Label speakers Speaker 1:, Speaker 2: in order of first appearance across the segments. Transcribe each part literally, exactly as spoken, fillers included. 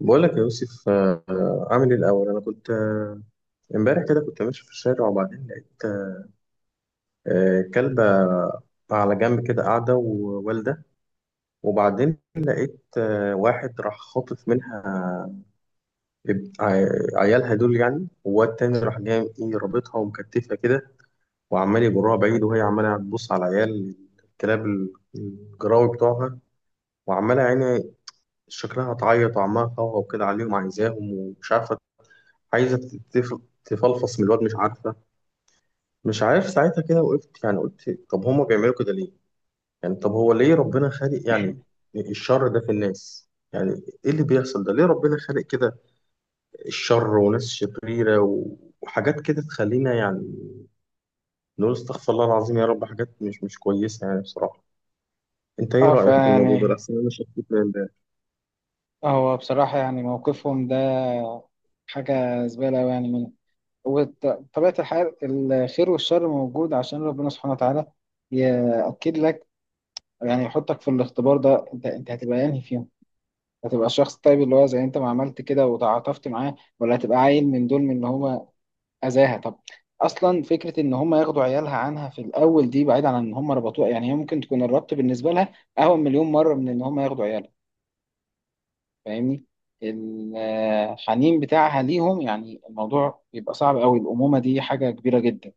Speaker 1: بقول لك يا يوسف، آه، عامل ايه؟ الاول انا كنت آه، امبارح كده كنت ماشي في الشارع، وبعدين لقيت آه، كلبه على جنب كده قاعده ووالده، وبعدين لقيت آه، واحد راح خاطف منها اب- ع- عيالها دول، يعني، وواد تاني راح جاي ايه رابطها ومكتفها كده وعمال يجرها بعيد، وهي عماله تبص على عيال الكلاب ال- الجراوي بتوعها، وعماله يعني شكلها تعيط وعمالة تهوهو كده عليهم عايزاهم ومش عارفه، عايزه تتف- تفلفص من الواد، مش عارفه. مش عارف ساعتها كده وقفت، يعني قلت طب هما بيعملوا كده ليه؟ يعني طب هو ليه ربنا خالق يعني الشر ده في الناس؟ يعني ايه اللي بيحصل ده؟ ليه ربنا خالق كده الشر وناس شريرة و- وحاجات كده تخلينا يعني نقول استغفر الله العظيم يا رب، حاجات مش مش كويسة يعني بصراحة. انت ايه
Speaker 2: اه،
Speaker 1: رأيك في الموضوع ده؟
Speaker 2: فيعني
Speaker 1: لأحسن انا شفت.
Speaker 2: هو بصراحة يعني موقفهم ده حاجة زبالة أوي يعني منهم. وطبيعة الحال الخير والشر موجود عشان ربنا سبحانه وتعالى يأكد لك، يعني يحطك في الاختبار ده. انت انت هتبقى انهي فيهم؟ هتبقى الشخص الطيب اللي هو زي انت ما عملت كده وتعاطفت معاه، ولا هتبقى عيل من دول من اللي هو أذاها؟ طب اصلا فكره ان هم ياخدوا عيالها عنها في الاول دي، بعيد عن ان هم ربطوها. يعني هي ممكن تكون الربط بالنسبه لها اهون مليون مره من ان هم ياخدوا عيالها، فاهمني؟ الحنين بتاعها ليهم، يعني الموضوع بيبقى صعب قوي. الأمومة دي حاجة كبيرة جدا.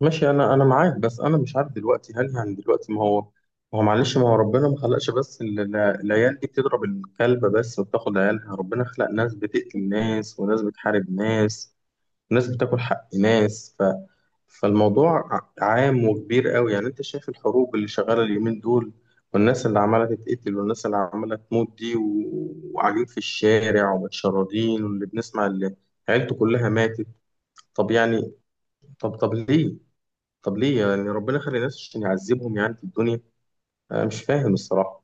Speaker 1: ماشي، انا انا معاك، بس انا مش عارف دلوقتي، هل هن دلوقتي، ما هو ما هو معلش ما هو ربنا ما خلقش، بس ال- ال- العيال دي بتضرب الكلب بس وبتاخد عيالها، ربنا خلق ناس بتقتل ناس وناس بتحارب ناس وناس بتاكل حق ناس، ف فالموضوع ع- عام وكبير قوي، يعني انت شايف الحروب اللي شغاله اليومين دول، والناس اللي عماله تتقتل والناس اللي عماله تموت دي و- وقاعدين في الشارع ومتشردين، واللي بنسمع اللي عيلته كلها ماتت. طب يعني، طب طب ليه طب ليه يعني ربنا خلق الناس عشان يعذبهم يعني في الدنيا؟ انا مش فاهم الصراحه.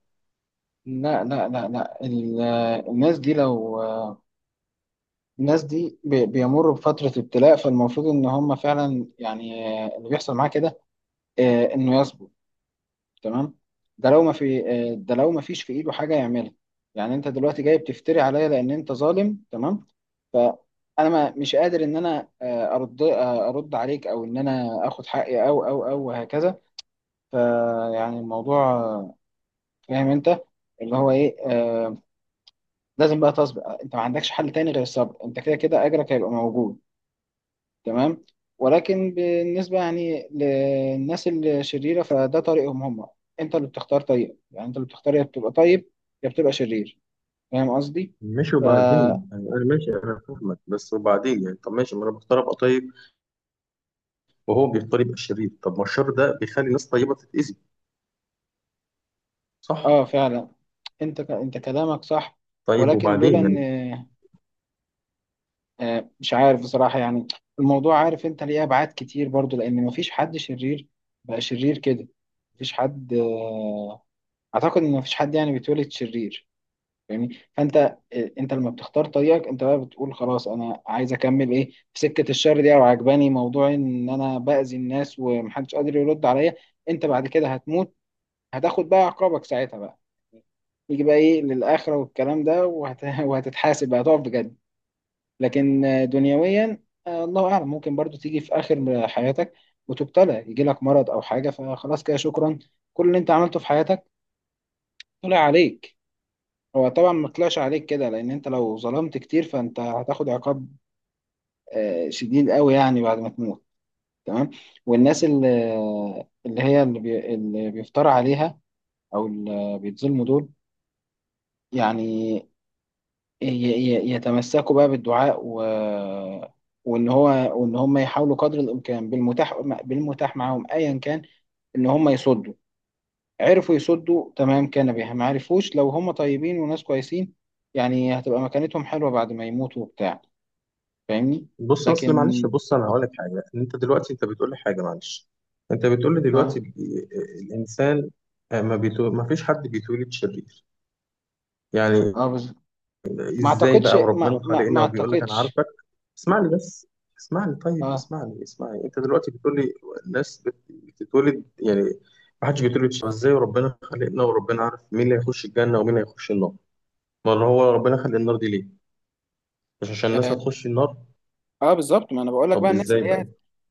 Speaker 2: لا لا لا لا ال- الناس دي لو الناس دي بي- بيمروا بفترة ابتلاء، فالمفروض إن هم فعلا يعني اللي بيحصل معاه كده آه، إنه تمام. ده لو ما في آه، ده لو ما فيش في ايده حاجه يعملها. يعني انت دلوقتي جاي بتفتري عليا لان انت ظالم، تمام؟ فانا ما مش قادر ان انا آه، ارد آه، ارد عليك، او ان انا اخد حقي، او او او وهكذا. فيعني الموضوع آه، فاهم انت اللي هو ايه، آه، لازم بقى تصبر. انت ما عندكش حل تاني غير الصبر. انت كده كده اجرك هيبقى موجود، تمام. ولكن بالنسبة يعني للناس الشريرة، فده طريقهم هم. انت اللي بتختار طريقك، يعني انت اللي بتختار يا بتبقى طيب يا بتبقى شرير. فاهم قصدي؟
Speaker 1: ماشي
Speaker 2: فا
Speaker 1: وبعدين يعني، انا ماشي، انا فاهمك، بس وبعدين يعني طب ماشي، ما انا بختار ابقى طيب وهو بيختار يبقى شرير، طب ما الشر ده بيخلي ناس طيبه تتاذي. صح؟
Speaker 2: اه فعلا. انت ك... انت كلامك صح.
Speaker 1: طيب
Speaker 2: ولكن
Speaker 1: وبعدين
Speaker 2: لولا ان
Speaker 1: يعني.
Speaker 2: آه، مش عارف بصراحة. يعني الموضوع، عارف انت ليه؟ ابعاد كتير برضو، لان مفيش حد شرير بقى شرير كده. مفيش حد آه، اعتقد ان مفيش حد يعني بيتولد شرير، فاهمني؟ فانت آه، انت لما بتختار طريقك انت، بقى بتقول خلاص انا عايز اكمل ايه في سكه الشر دي، او عجباني موضوع ان انا باذي الناس ومحدش قادر يرد عليا. انت بعد كده هتموت، هتاخد بقى عقابك ساعتها، بقى يجي بقى ايه للآخرة والكلام ده وهت... وهتتحاسب بقى، هتقف بجد. لكن آه، دنيويا آه، الله أعلم، ممكن برضو تيجي في آخر حياتك وتبتلى، يجي لك مرض أو حاجة، فخلاص كده شكرا، كل اللي أنت عملته في حياتك طلع عليك. هو طبعا ما طلعش عليك كده، لان انت لو ظلمت كتير فانت هتاخد عقاب آه، شديد قوي يعني بعد ما تموت، تمام. والناس اللي اللي هي اللي, بي اللي بيفترى عليها او اللي بيتظلموا دول، يعني ي- ي- يتمسكوا بقى بالدعاء و وان هو وان هم يحاولوا قدر الامكان بالمتاح، بالمتاح معاهم ايا كان، ان هم يصدوا. عرفوا يصدوا، تمام، كان بها. ما عرفوش، لو هم طيبين وناس كويسين، يعني هتبقى مكانتهم حلوة بعد ما يموتوا وبتاع، فاهمني؟
Speaker 1: بص اصل معلش،
Speaker 2: لكن
Speaker 1: بص انا هقول لك حاجه، انت دلوقتي انت بتقول لي حاجه، معلش، انت بتقول لي دلوقتي
Speaker 2: اه.
Speaker 1: ال- الانسان آه، ما بيتو... ما فيش حد بيتولد شرير يعني.
Speaker 2: اه بالظبط. ما
Speaker 1: ازاي
Speaker 2: اعتقدش
Speaker 1: بقى
Speaker 2: ما
Speaker 1: وربنا
Speaker 2: ما, ما
Speaker 1: خلقنا وبيقول لك انا
Speaker 2: اعتقدش
Speaker 1: عارفك؟ اسمعني بس، اسمعني طيب،
Speaker 2: اه.
Speaker 1: اسمعني اسمعني، انت دلوقتي بتقول لي الناس بت- بتتولد يعني ما حدش بيتولد شبه، ازاي وربنا خلقنا وربنا عارف مين اللي هيخش الجنة ومين هيخش النار؟ ما هو ربنا خلق النار دي ليه؟ مش عشان الناس
Speaker 2: اه
Speaker 1: هتخش النار؟
Speaker 2: آه، بالظبط ما انا بقول لك بقى
Speaker 1: طب
Speaker 2: الناس
Speaker 1: ازاي
Speaker 2: اللي
Speaker 1: بقى؟
Speaker 2: هي،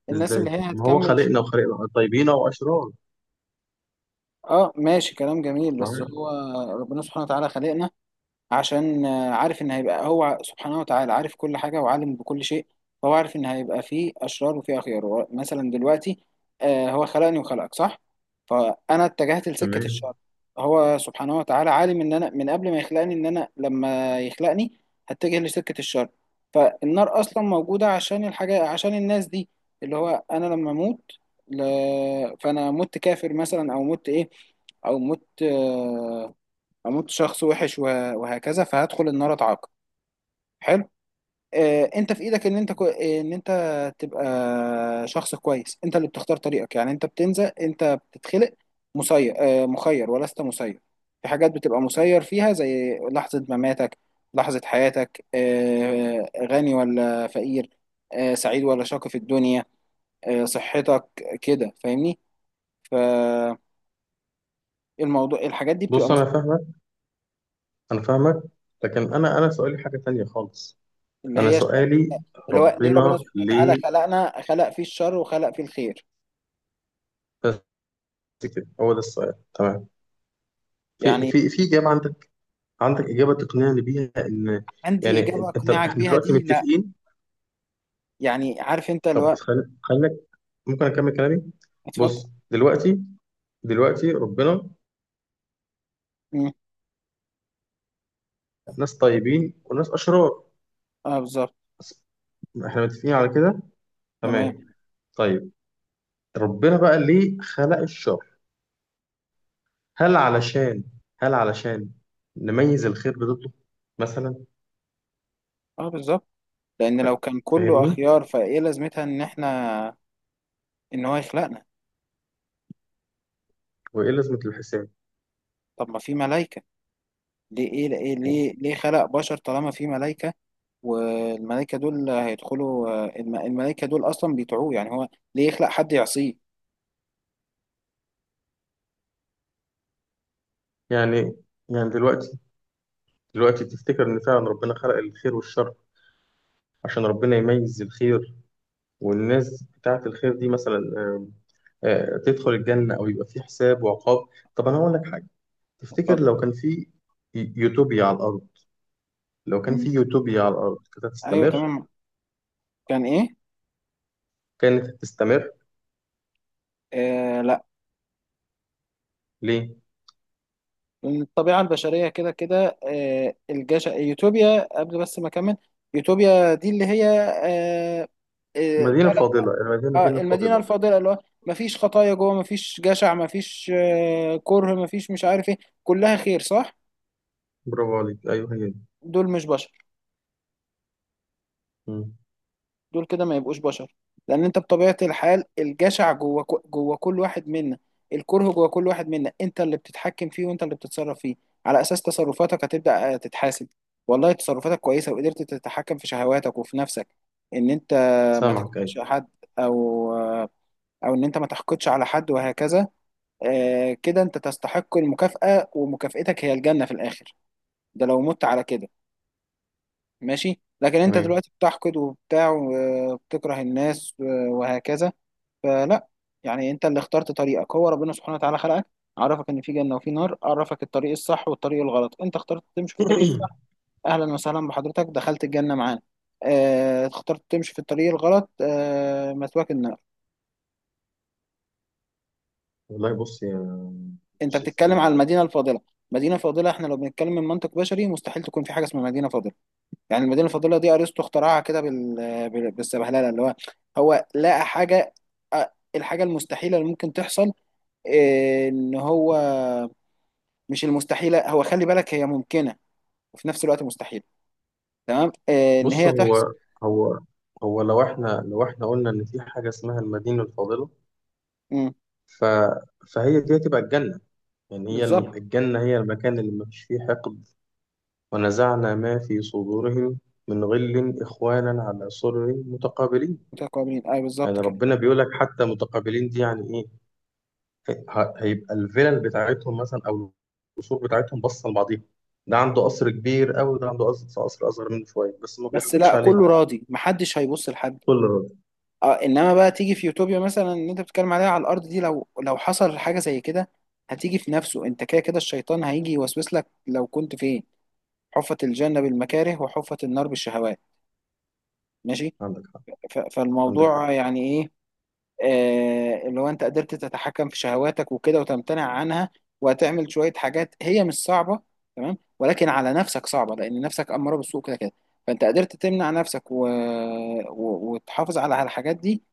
Speaker 2: الناس اللي
Speaker 1: ازاي
Speaker 2: هي
Speaker 1: ما هو
Speaker 2: هتكمل شيء.
Speaker 1: خلقنا وخلقنا طيبين واشرار؟
Speaker 2: اه ماشي كلام جميل، بس
Speaker 1: معايا.
Speaker 2: هو ربنا سبحانه وتعالى خلقنا عشان آه، عارف ان هيبقى، هو سبحانه وتعالى عارف كل حاجه وعالم بكل شيء. فهو عارف ان هيبقى فيه اشرار وفيه اخيار. هو مثلا دلوقتي آه، هو خلقني وخلقك، صح؟ فانا اتجهت لسكه
Speaker 1: تمام.
Speaker 2: الشر. هو سبحانه وتعالى عالم ان انا من قبل ما يخلقني، ان انا لما يخلقني هتجه لسكه الشر. فالنار اصلا موجوده عشان الحاجه، عشان الناس دي، اللي هو انا لما اموت، ل... فانا مت كافر مثلا او مت ايه او مت آه، اموت شخص وحش وه- وهكذا فهدخل النار، اتعاقب، حلو. آه، انت في ايدك ان انت كو... ان انت تبقى شخص كويس. انت اللي بتختار طريقك. يعني انت بتنزل، انت بتتخلق مسير، آه، مخير ولست مسير. في حاجات بتبقى مسير فيها زي لحظة مماتك، لحظة حياتك، آه، غني ولا فقير، آه، سعيد ولا شاقي في الدنيا، آه، صحتك كده، فاهمني؟ فالموضوع الحاجات دي بتبقى
Speaker 1: بص انا فاهمك انا فاهمك، لكن انا انا سؤالي حاجة تانية خالص.
Speaker 2: اللي
Speaker 1: انا
Speaker 2: هي الش...
Speaker 1: سؤالي،
Speaker 2: اللي هو ليه ربنا
Speaker 1: ربنا
Speaker 2: سبحانه وتعالى
Speaker 1: ليه
Speaker 2: خلقنا، خلق فيه الشر وخلق فيه الخير؟
Speaker 1: كده؟ هو ده السؤال. تمام؟ في
Speaker 2: يعني
Speaker 1: في في اجابه عندك؟ عندك اجابه تقنعني بيها ان
Speaker 2: عندي
Speaker 1: يعني
Speaker 2: إجابة
Speaker 1: انت
Speaker 2: أقنعك
Speaker 1: احنا
Speaker 2: بيها؟
Speaker 1: دلوقتي
Speaker 2: دي لا.
Speaker 1: متفقين؟
Speaker 2: يعني عارف أنت اللي
Speaker 1: طب
Speaker 2: هو،
Speaker 1: خل- خليك، ممكن اكمل كلامي؟
Speaker 2: اتفضل.
Speaker 1: بص دلوقتي، دلوقتي ربنا
Speaker 2: مم.
Speaker 1: ناس طيبين وناس اشرار،
Speaker 2: اه بالظبط.
Speaker 1: بس، احنا متفقين على كده. تمام؟
Speaker 2: تمام.
Speaker 1: طيب، ربنا بقى ليه خلق الشر؟ هل علشان هل علشان نميز الخير بضده مثلا؟
Speaker 2: اه بالظبط. لأن لو كان كله
Speaker 1: فاهمني؟
Speaker 2: أخيار فإيه لازمتها إن إحنا، إن هو يخلقنا؟
Speaker 1: وايه لازمه الحساب؟
Speaker 2: طب ما في ملايكة، ليه إيه؟ ليه ليه ليه خلق بشر طالما في ملايكة؟ والملايكة دول هيدخلوا آه، الم... الملايكة دول أصلا بيطيعوه، يعني هو ليه يخلق حد يعصيه؟
Speaker 1: يعني يعني دلوقتي دلوقتي تفتكر إن فعلا ربنا خلق الخير والشر عشان ربنا يميز الخير؟ والناس بتاعة الخير دي مثلا آه، آه، تدخل الجنة، أو يبقى في حساب وعقاب. طب أنا هقول لك حاجة، تفتكر
Speaker 2: اتفضل.
Speaker 1: لو كان في يوتوبيا على الأرض، لو كان في
Speaker 2: مم.
Speaker 1: يوتوبيا على الأرض كانت
Speaker 2: أيوه
Speaker 1: هتستمر
Speaker 2: تمام. كان إيه؟
Speaker 1: كانت هتستمر
Speaker 2: آه،
Speaker 1: ليه؟
Speaker 2: الطبيعة البشرية كده كده. آه، الجش يوتوبيا قبل بس ما أكمل. يوتوبيا دي اللي هي آه، آه،
Speaker 1: مدينة
Speaker 2: بلد
Speaker 1: فاضلة، المدينة دي
Speaker 2: آه،
Speaker 1: اللي
Speaker 2: المدينة
Speaker 1: فاضلة.
Speaker 2: الفاضلة، اللي هو مفيش خطايا جوه، مفيش جشع، مفيش آه، كره مفيش مش عارف ايه، كلها خير، صح؟
Speaker 1: برافو عليك، أيوه، هي دي.
Speaker 2: دول مش بشر،
Speaker 1: مم.
Speaker 2: دول كده ما يبقوش بشر. لان انت بطبيعة الحال الجشع جوه كو- جوه كل واحد منا. الكره جوه كل واحد منا. انت اللي بتتحكم فيه وانت اللي بتتصرف فيه. على اساس تصرفاتك هتبدأ آه، تتحاسب والله تصرفاتك كويسة وقدرت تتحكم في شهواتك وفي نفسك، ان انت ما
Speaker 1: سامعك، أيوه،
Speaker 2: تكرهش حد، او آه، او ان انت ما تحقدش على حد وهكذا، آه، كده انت تستحق المكافأة، ومكافأتك هي الجنة في الاخر، ده لو مت على كده ماشي. لكن انت
Speaker 1: تمام.
Speaker 2: دلوقتي بتحقد وبتاع وبتكره الناس وهكذا، فلا. يعني انت اللي اخترت طريقك. هو ربنا سبحانه وتعالى خلقك، عرفك ان في جنة وفي نار، عرفك الطريق الصح والطريق الغلط. انت اخترت تمشي في الطريق الصح، اهلا وسهلا بحضرتك، دخلت الجنة معانا. اه اخترت تمشي في الطريق الغلط، اه مثواك النار.
Speaker 1: والله بص يا
Speaker 2: انت
Speaker 1: يوسف،
Speaker 2: بتتكلم على
Speaker 1: أنا،
Speaker 2: المدينة الفاضلة، مدينة فاضلة. احنا لو بنتكلم من منطق بشري مستحيل تكون في حاجة اسمها مدينة فاضلة. يعني المدينه الفاضله دي ارسطو اخترعها كده بال... بال- بالسبهلله اللي هو هو لقى حاجه، آه، الحاجه المستحيله اللي ممكن تحصل، آه، ان هو، مش المستحيله، هو خلي بالك هي ممكنه وفي نفس الوقت مستحيله، تمام، آه، ان
Speaker 1: بص،
Speaker 2: هي تحصل.
Speaker 1: هو هو هو لو احنا لو احنا قلنا ان في حاجه اسمها المدينه الفاضله،
Speaker 2: مم،
Speaker 1: ف فهي دي هتبقى الجنه. يعني هي الم-
Speaker 2: بالظبط.
Speaker 1: الجنه هي المكان اللي مفيش فيه حقد. ونزعنا ما في صدورهم من غل اخوانا على سرر متقابلين.
Speaker 2: متقابلين، اي
Speaker 1: يعني
Speaker 2: بالظبط كده.
Speaker 1: ربنا بيقول لك حتى متقابلين، دي يعني ايه؟ ه- هيبقى الفلل بتاعتهم مثلا، او القصور بتاعتهم باصه لبعضيها. ده عنده قصر كبير قوي، ده عنده قصر قصر اصغر منه شويه، بس ما
Speaker 2: بس
Speaker 1: بيحقدش
Speaker 2: لا
Speaker 1: عليه.
Speaker 2: كله راضي، محدش هيبص لحد.
Speaker 1: كل راجل.
Speaker 2: اه انما بقى تيجي في يوتوبيا مثلا اللي انت بتتكلم عليها على الارض دي، لو لو حصل حاجه زي كده هتيجي في نفسه. انت كده كده الشيطان هيجي يوسوس لك لو كنت فين. حفت الجنة بالمكاره وحفت النار بالشهوات، ماشي.
Speaker 1: عندك حق،
Speaker 2: ف-
Speaker 1: عندك حق.
Speaker 2: فالموضوع يعني ايه؟ آه اللي هو انت قدرت تتحكم في شهواتك وكده وتمتنع عنها، وهتعمل شوية حاجات هي مش صعبة، تمام، ولكن على نفسك صعبة لأن نفسك أمارة بالسوء كده كده، فأنت قدرت تمنع نفسك و... و... وتحافظ على على الحاجات دي،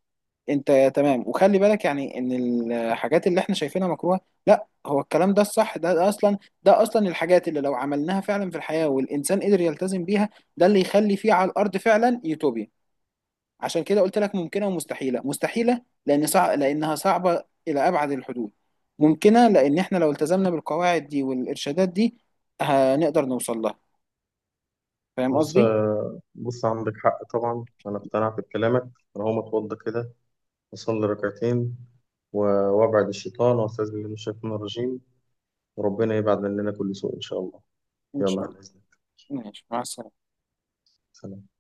Speaker 2: انت تمام. وخلي بالك يعني ان الحاجات اللي احنا شايفينها مكروهه، لا، هو الكلام ده الصح. ده, ده اصلا ده اصلا الحاجات اللي لو عملناها فعلا في الحياه والانسان قدر يلتزم بيها، ده اللي يخلي فيه على الارض فعلا يوتوبيا. عشان كده قلت لك ممكنه ومستحيله. مستحيله لان صع... لانها صعبه الى ابعد الحدود. ممكنه لان احنا لو التزمنا بالقواعد دي والارشادات دي هنقدر نوصل لها، فاهم
Speaker 1: بص،
Speaker 2: قصدي؟
Speaker 1: بص، عندك حق طبعا، أنا اقتنعت بكلامك. أنا هقوم أتوضى كده، أصلي ركعتين، و- وأبعد الشيطان وأستعيذ بالله من الشيطان الرجيم، وربنا يبعد مننا كل سوء إن شاء الله.
Speaker 2: ان
Speaker 1: يلا،
Speaker 2: شاء
Speaker 1: على
Speaker 2: الله.
Speaker 1: إذنك.
Speaker 2: ماشي، مع السلامه.
Speaker 1: سلام.